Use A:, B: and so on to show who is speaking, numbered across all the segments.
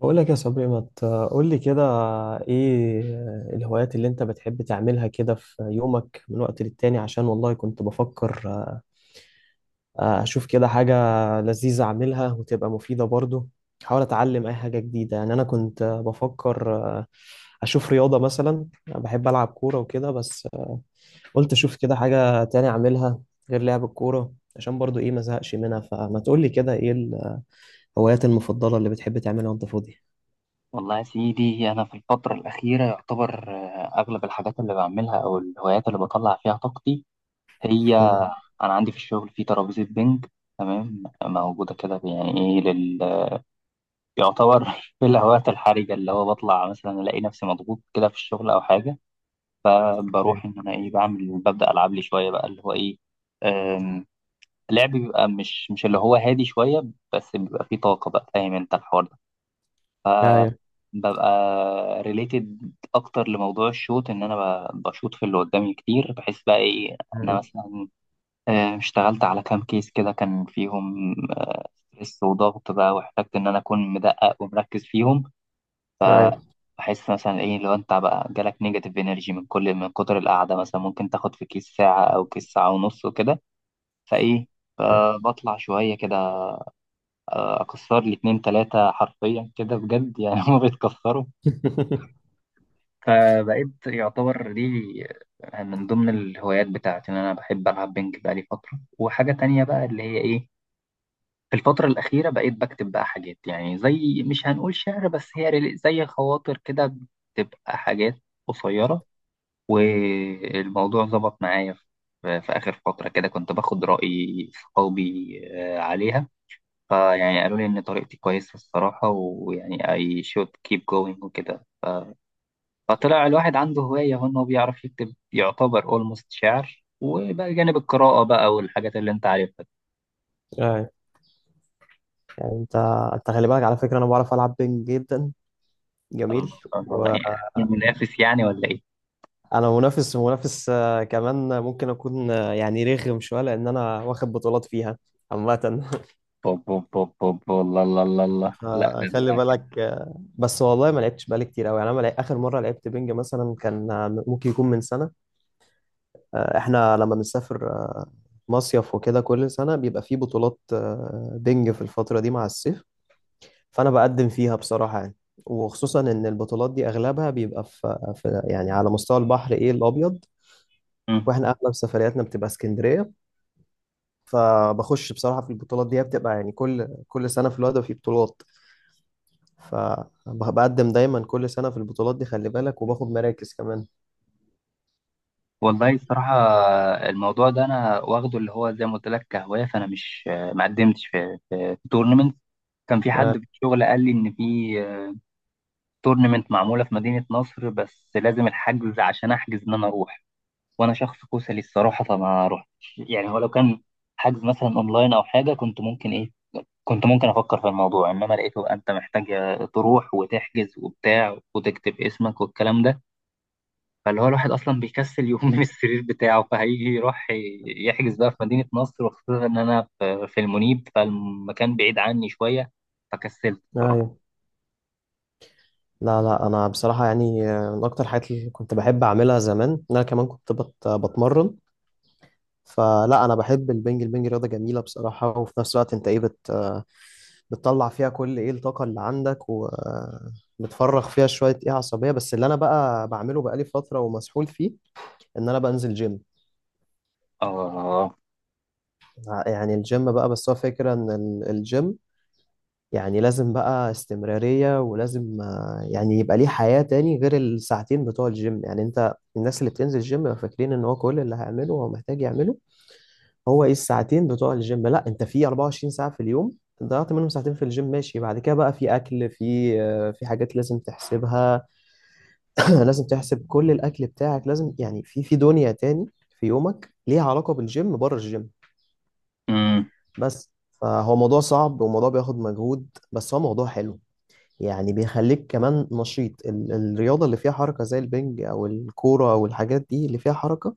A: بقول لك يا صبري، ما تقول لي كده ايه الهوايات اللي انت بتحب تعملها كده في يومك من وقت للتاني؟ عشان والله كنت بفكر اشوف كده حاجة لذيذة اعملها وتبقى مفيدة برضو. احاول اتعلم اي حاجة جديدة. يعني انا كنت بفكر اشوف رياضة مثلا. أنا بحب العب كورة وكده، بس قلت اشوف كده حاجة تاني اعملها غير لعب الكورة، عشان برضو ايه ما زهقش منها. فما تقول لي كده ايه الهوايات المفضلة اللي بتحب تعملها وانت فاضي؟
B: والله يا سيدي، أنا في الفترة الأخيرة يعتبر أغلب الحاجات اللي بعملها أو الهوايات اللي بطلع فيها طاقتي هي أنا عندي في الشغل في ترابيزة بينج، تمام، موجودة كده يعني. إيه يعتبر في الهوايات الحرجة، اللي هو بطلع، مثلا ألاقي نفسي مضغوط كده في الشغل أو حاجة.
A: مم.
B: فبروح إن أنا إيه بعمل، ببدأ ألعب لي شوية بقى اللي هو إيه. أم... لعب بيبقى، مش اللي هو هادي شوية، بس بيبقى فيه طاقة بقى. فاهم أنت الحوار ده؟
A: ايوه،
B: ببقى ريليتد اكتر لموضوع الشوت، ان انا بشوط في اللي قدامي كتير. بحس بقى ايه، انا مثلا اشتغلت على كام كيس كده كان فيهم ستريس وضغط بقى، واحتجت ان انا اكون مدقق ومركز فيهم.
A: ايوه،
B: بحس مثلا ايه، لو انت بقى جالك نيجاتيف انرجي من كل، من كتر القعده مثلا، ممكن تاخد في كيس ساعه او كيس ساعه ونص وكده. فايه،
A: ايوه.
B: بطلع شويه كده. اكسر لي اتنين تلاته حرفيا كده بجد يعني. هما بيتكسروا. فبقيت يعتبر لي من ضمن الهوايات بتاعتي إن أنا بحب ألعب بينج بقالي فترة. وحاجة تانية بقى اللي هي إيه، في الفترة الأخيرة بقيت بكتب بقى حاجات، يعني زي مش هنقول شعر، بس هي زي خواطر كده. بتبقى حاجات قصيرة، والموضوع ظبط معايا في آخر فترة كده، كنت باخد رأي صحابي عليها. فيعني قالوا لي إن طريقتي كويسة الصراحة، ويعني I should keep going وكده. فطلع الواحد عنده هواية، هو إن هو بيعرف يكتب، يعتبر أولموست شعر، وبقى جانب القراءة بقى والحاجات اللي أنت عارفها دي.
A: ايوه. يعني انت خلي بالك على فكره انا بعرف العب بينج جدا.
B: الله
A: جميل.
B: الله الله،
A: وانا
B: يعني منافس يعني ولا إيه؟
A: منافس منافس، كمان ممكن اكون يعني رخم شويه، لان انا واخد بطولات فيها عامه.
B: بوب بوب بوب بوب، والله. الله الله الله لا ده
A: فخلي
B: أنا كده.
A: بالك. بس والله ما لعبتش بقالي كتير قوي. يعني انا ما لعب- اخر مره لعبت بينج مثلا كان ممكن يكون من سنه. احنا لما بنسافر مصيف وكده، كل سنه بيبقى فيه بطولات بينج في الفتره دي مع الصيف. فانا بقدم فيها بصراحه يعني. وخصوصا ان البطولات دي اغلبها بيبقى في يعني على مستوى البحر ايه الابيض.
B: مم.
A: واحنا اغلب سفرياتنا بتبقى اسكندريه. فبخش بصراحه في البطولات دي، هي بتبقى يعني كل سنه في الوادي في بطولات. فبقدم دايما كل سنه في البطولات دي خلي بالك، وباخد مراكز كمان.
B: والله الصراحة، الموضوع ده أنا واخده اللي هو زي ما قلت لك كهواية. فأنا مش، ما قدمتش في، في تورنمنت. كان في حد
A: آه.
B: في الشغل قال لي إن في تورنمنت معمولة في مدينة نصر، بس لازم الحجز عشان أحجز إن أنا أروح. وانا شخص كسلي الصراحه، فما رحتش يعني. هو لو كان حجز مثلا اونلاين او حاجه، كنت ممكن ايه، كنت ممكن افكر في الموضوع. انما لقيته انت محتاج تروح وتحجز وبتاع وتكتب اسمك والكلام ده. فاللي هو الواحد اصلا بيكسل يقوم من السرير بتاعه، فهيجي يروح يحجز بقى في مدينه نصر؟ وخصوصا ان انا في المنيب، فالمكان بعيد عني شويه، فكسلت الصراحه.
A: ايوه. لا، لا، انا بصراحه يعني من اكتر الحاجات اللي كنت بحب اعملها زمان إن انا كمان كنت بتمرن. فلا، انا بحب البنج. البنج رياضه جميله بصراحه، وفي نفس الوقت انت ايه بتطلع فيها كل ايه الطاقة اللي عندك، وبتفرغ فيها شوية ايه عصبية. بس اللي انا بقى بعمله بقالي فترة ومسحول فيه ان انا بنزل جيم.
B: اه.
A: يعني الجيم بقى، بس هو فكرة ان الجيم يعني لازم بقى استمرارية، ولازم يعني يبقى ليه حياة تاني غير الساعتين بتوع الجيم. يعني انت، الناس اللي بتنزل الجيم بيبقوا فاكرين ان هو كل اللي هيعمله هو محتاج يعمله هو ايه الساعتين بتوع الجيم. لا، انت في 24 ساعة في اليوم. ضيعت منهم ساعتين في الجيم ماشي، بعد كده بقى في اكل، في في حاجات لازم تحسبها. لازم تحسب كل الاكل بتاعك، لازم يعني في دنيا تاني في يومك ليها علاقه بالجيم بره الجيم
B: امم.
A: بس. فهو موضوع صعب وموضوع بياخد مجهود، بس هو موضوع حلو. يعني بيخليك كمان نشيط. الرياضه اللي فيها حركه زي البنج او الكوره او الحاجات دي اللي فيها حركه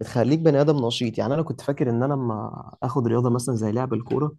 A: بتخليك بني ادم نشيط. يعني انا كنت فاكر ان انا لما اخد رياضه مثلا زي لعب الكوره،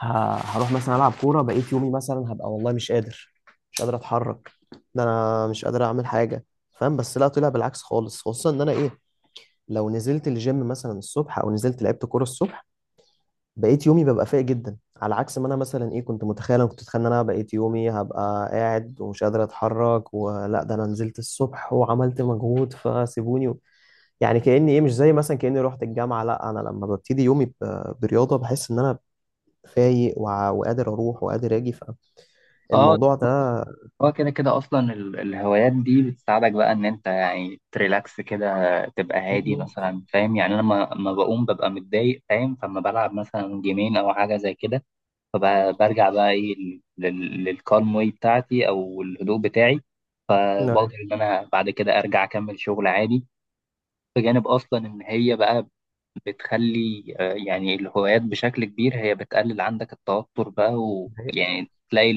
A: هروح مثلا العب كوره بقيت يومي مثلا هبقى والله مش قادر، مش قادر اتحرك. ده انا مش قادر اعمل حاجه فاهم. بس لا، طلع بالعكس خالص، خصوصا ان انا ايه لو نزلت الجيم مثلا الصبح او نزلت لعبت كوره الصبح، بقيت يومي ببقى فايق جدا على عكس ما انا مثلا ايه كنت متخيل. انا كنت اتخيل ان انا بقيت يومي هبقى قاعد ومش قادر اتحرك، ولا ده انا نزلت الصبح وعملت مجهود فسيبوني. يعني كاني ايه مش زي مثلا كاني رحت الجامعه. لا، انا لما ببتدي يومي برياضه بحس ان انا فايق، وقادر اروح وقادر اجي.
B: اه.
A: فالموضوع ده.
B: هو كده كده اصلا الهوايات دي بتساعدك بقى ان انت يعني تريلاكس كده، تبقى هادي
A: مم.
B: مثلا. فاهم؟ يعني انا لما بقوم ببقى متضايق، فاهم؟ فما بلعب مثلا جيمين او حاجه زي كده. فبرجع بقى ايه، للكالم واي بتاعتي او الهدوء بتاعي.
A: نعم.
B: فبقدر ان انا بعد كده ارجع اكمل شغل عادي. بجانب اصلا ان هي بقى بتخلي، يعني الهوايات بشكل كبير هي بتقلل عندك التوتر بقى،
A: نعم.
B: ويعني تلاقي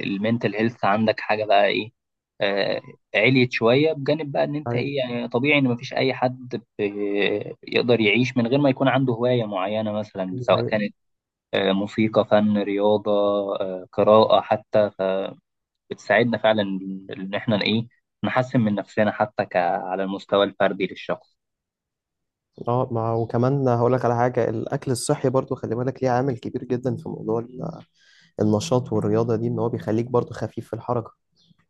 B: المينتال هيلث عندك حاجة بقى ايه، آه، عليت شوية. بجانب بقى ان انت
A: نعم.
B: ايه، يعني طبيعي ان مفيش اي حد يقدر يعيش من غير ما يكون عنده هواية معينة، مثلا سواء
A: نعم.
B: كانت موسيقى، فن، رياضة، قراءة حتى. فبتساعدنا فعلا ان احنا ايه نحسن من نفسنا، حتى على المستوى الفردي للشخص.
A: اه. ما وكمان هقول لك على حاجه، الاكل الصحي برضو خلي بالك ليه عامل كبير جدا في موضوع النشاط والرياضه دي، ان هو بيخليك برضو خفيف في الحركه.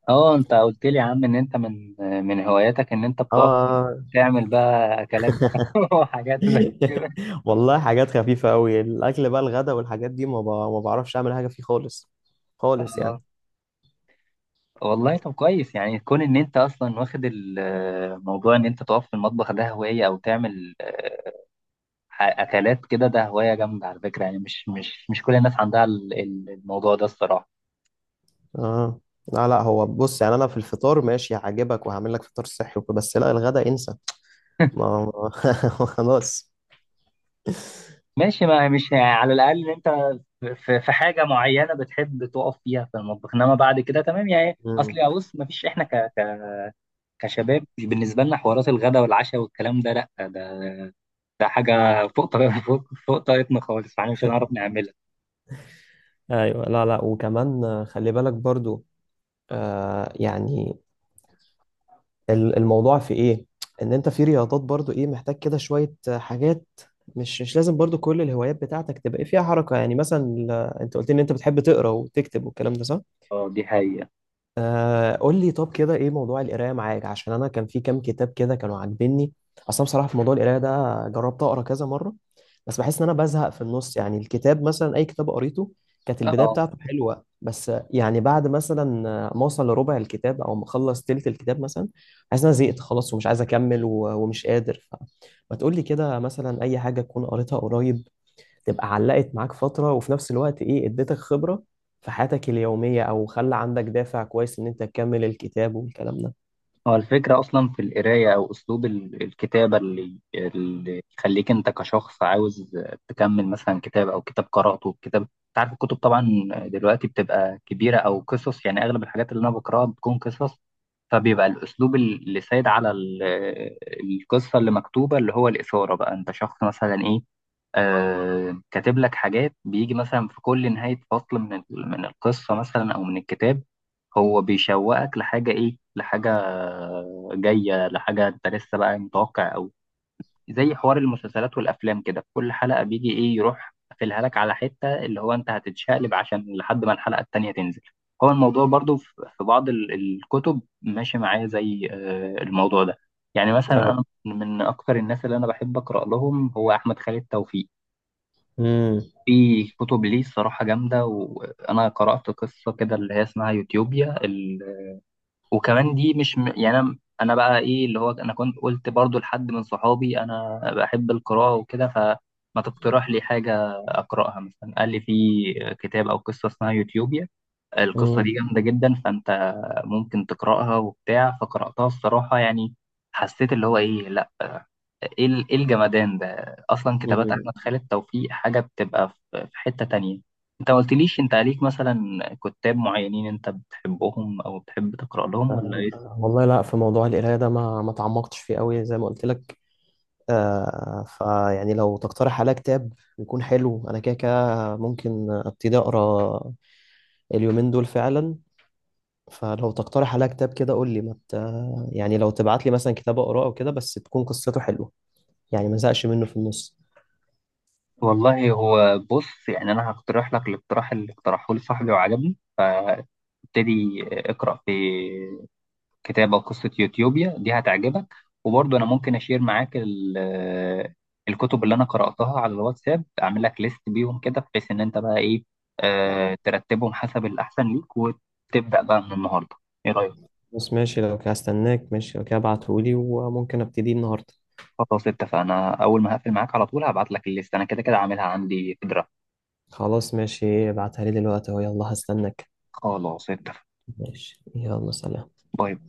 B: اه، انت قلت لي يا عم ان انت من هواياتك ان انت بتقف
A: اه.
B: تعمل بقى اكلات بقى، وحاجات زي كده.
A: والله حاجات خفيفه قوي. الاكل بقى الغدا والحاجات دي ما بعرفش اعمل حاجه فيه خالص، خالص
B: اه.
A: يعني.
B: والله طب كويس، يعني كون ان انت اصلا واخد الموضوع ان انت تقف في المطبخ ده هواية، او تعمل اكلات كده، ده هواية جامدة على فكرة. يعني مش كل الناس عندها الموضوع ده الصراحة.
A: اه. لا، لا، هو بص يعني انا في الفطار ماشي هعجبك وهعمل لك فطار صحي وكده، بس لا الغدا انسى. ما ما- خلاص.
B: ماشي. ما مش يعني، على الاقل ان انت في حاجة معينة بتحب تقف فيها في المطبخ، انما بعد كده تمام يعني. اصل
A: مم.
B: يا بص، مفيش احنا كشباب، مش بالنسبة لنا حوارات الغداء والعشاء والكلام ده، لا ده، ده حاجة فوق طاقة، فوق طاقتنا خالص، فاحنا مش هنعرف نعملها.
A: ايوه. لا، لا، وكمان خلي بالك برضو. يعني الموضوع في ايه ان انت في رياضات برضو ايه محتاج كده شوية حاجات. مش لازم برضو كل الهوايات بتاعتك تبقى إيه فيها حركة. يعني مثلا انت قلت لي ان انت بتحب تقرا وتكتب والكلام ده، صح؟
B: اه دي حقيقة.
A: قول لي طب كده ايه موضوع القرايه معاك، عشان انا كان في كام كتاب كده كانوا عاجبني. اصلا بصراحه في موضوع القرايه ده جربت اقرا كذا مره، بس بحس ان انا بزهق في النص. يعني الكتاب مثلا، اي كتاب قريته كانت البدايه
B: اه.
A: بتاعته حلوه، بس يعني بعد مثلا ما اوصل لربع الكتاب او ما اخلص تلت الكتاب مثلا، حاسس ان انا زهقت خلاص ومش عايز اكمل ومش قادر. فما تقول لي كده مثلا اي حاجه تكون قريتها قريب تبقى علقت معاك فترة، وفي نفس الوقت ايه اديتك خبرة في حياتك اليومية، او خلى عندك دافع كويس ان انت تكمل الكتاب والكلام ده.
B: هو الفكرة أصلا في القراية أو أسلوب الكتابة، اللي يخليك أنت كشخص عاوز تكمل مثلا كتاب. أو كتاب قرأته، كتاب أنت عارف، الكتب طبعا دلوقتي بتبقى كبيرة، أو قصص. يعني أغلب الحاجات اللي أنا بقرأها بتكون قصص. فبيبقى الأسلوب اللي سايد على القصة اللي مكتوبة، اللي هو الإثارة بقى. أنت شخص مثلا إيه، كاتب لك حاجات، بيجي مثلا في كل نهاية فصل من من القصة مثلا أو من الكتاب. هو بيشوقك لحاجة، إيه، لحاجة جاية، لحاجة أنت لسه بقى متوقع أوي. زي حوار المسلسلات والأفلام كده، في كل حلقة بيجي إيه، يروح قافلها لك على حتة اللي هو أنت هتتشقلب عشان لحد ما الحلقة التانية تنزل. هو الموضوع برضو في، بعض الكتب ماشي معايا زي الموضوع ده. يعني مثلا
A: أيوة.
B: أنا من أكتر الناس اللي أنا بحب أقرأ لهم هو أحمد خالد توفيق.
A: امم
B: في كتب ليه الصراحة جامدة، وأنا قرأت قصة كده اللي هي اسمها يوتيوبيا. وكمان دي مش يعني انا بقى ايه، اللي هو انا كنت قلت برضو لحد من صحابي، انا بحب القراءة وكده، فما تقترح لي حاجة اقراها مثلا. قال لي في كتاب او قصة اسمها يوتيوبيا. القصة دي
A: امم
B: جامدة جدا، فانت ممكن تقراها وبتاع. فقراتها الصراحة يعني، حسيت اللي هو ايه، لا، ايه إيه الجمدان ده. اصلا كتابات
A: امم
B: احمد خالد توفيق حاجة بتبقى في حتة تانية. انت ما قلتليش، انت عليك مثلا كتاب معينين انت بتحبهم او بتحب تقرا لهم ولا ايه؟
A: والله لا، في موضوع القراية ده ما تعمقتش فيه قوي زي ما قلت لك. فيعني لو تقترح عليا كتاب يكون حلو، انا كده كده ممكن ابتدي اقرا اليومين دول فعلا. فلو تقترح عليا كتاب كده قول لي. ما مت... يعني لو تبعت لي مثلا كتاب اقراه او كده، بس تكون قصته حلوه، يعني ما زهقش منه في النص.
B: والله، هو بص، يعني انا هقترح لك الاقتراح اللي اقترحه لي صاحبي وعجبني، فابتدي اقرا في كتاب او قصه يوتيوبيا دي، هتعجبك. وبرضه انا ممكن اشير معاك الكتب اللي انا قراتها على الواتساب، اعمل لك ليست بيهم كده، بحيث ان انت بقى ايه، ترتبهم حسب الاحسن ليك وتبدا بقى من النهارده. ايه رايك؟
A: خلاص، ماشي، لو كده هستناك. ماشي، لو كده ابعتهولي وممكن ابتدي النهارده.
B: خلاص، اتفقنا. اول ما هقفل معاك على طول هبعت لك الليست، انا كده كده عاملها عندي في درافت.
A: خلاص ماشي، ابعتها لي دلوقتي اهو، يلا هستناك.
B: خلاص، اتفق.
A: ماشي، يلا سلام.
B: باي باي.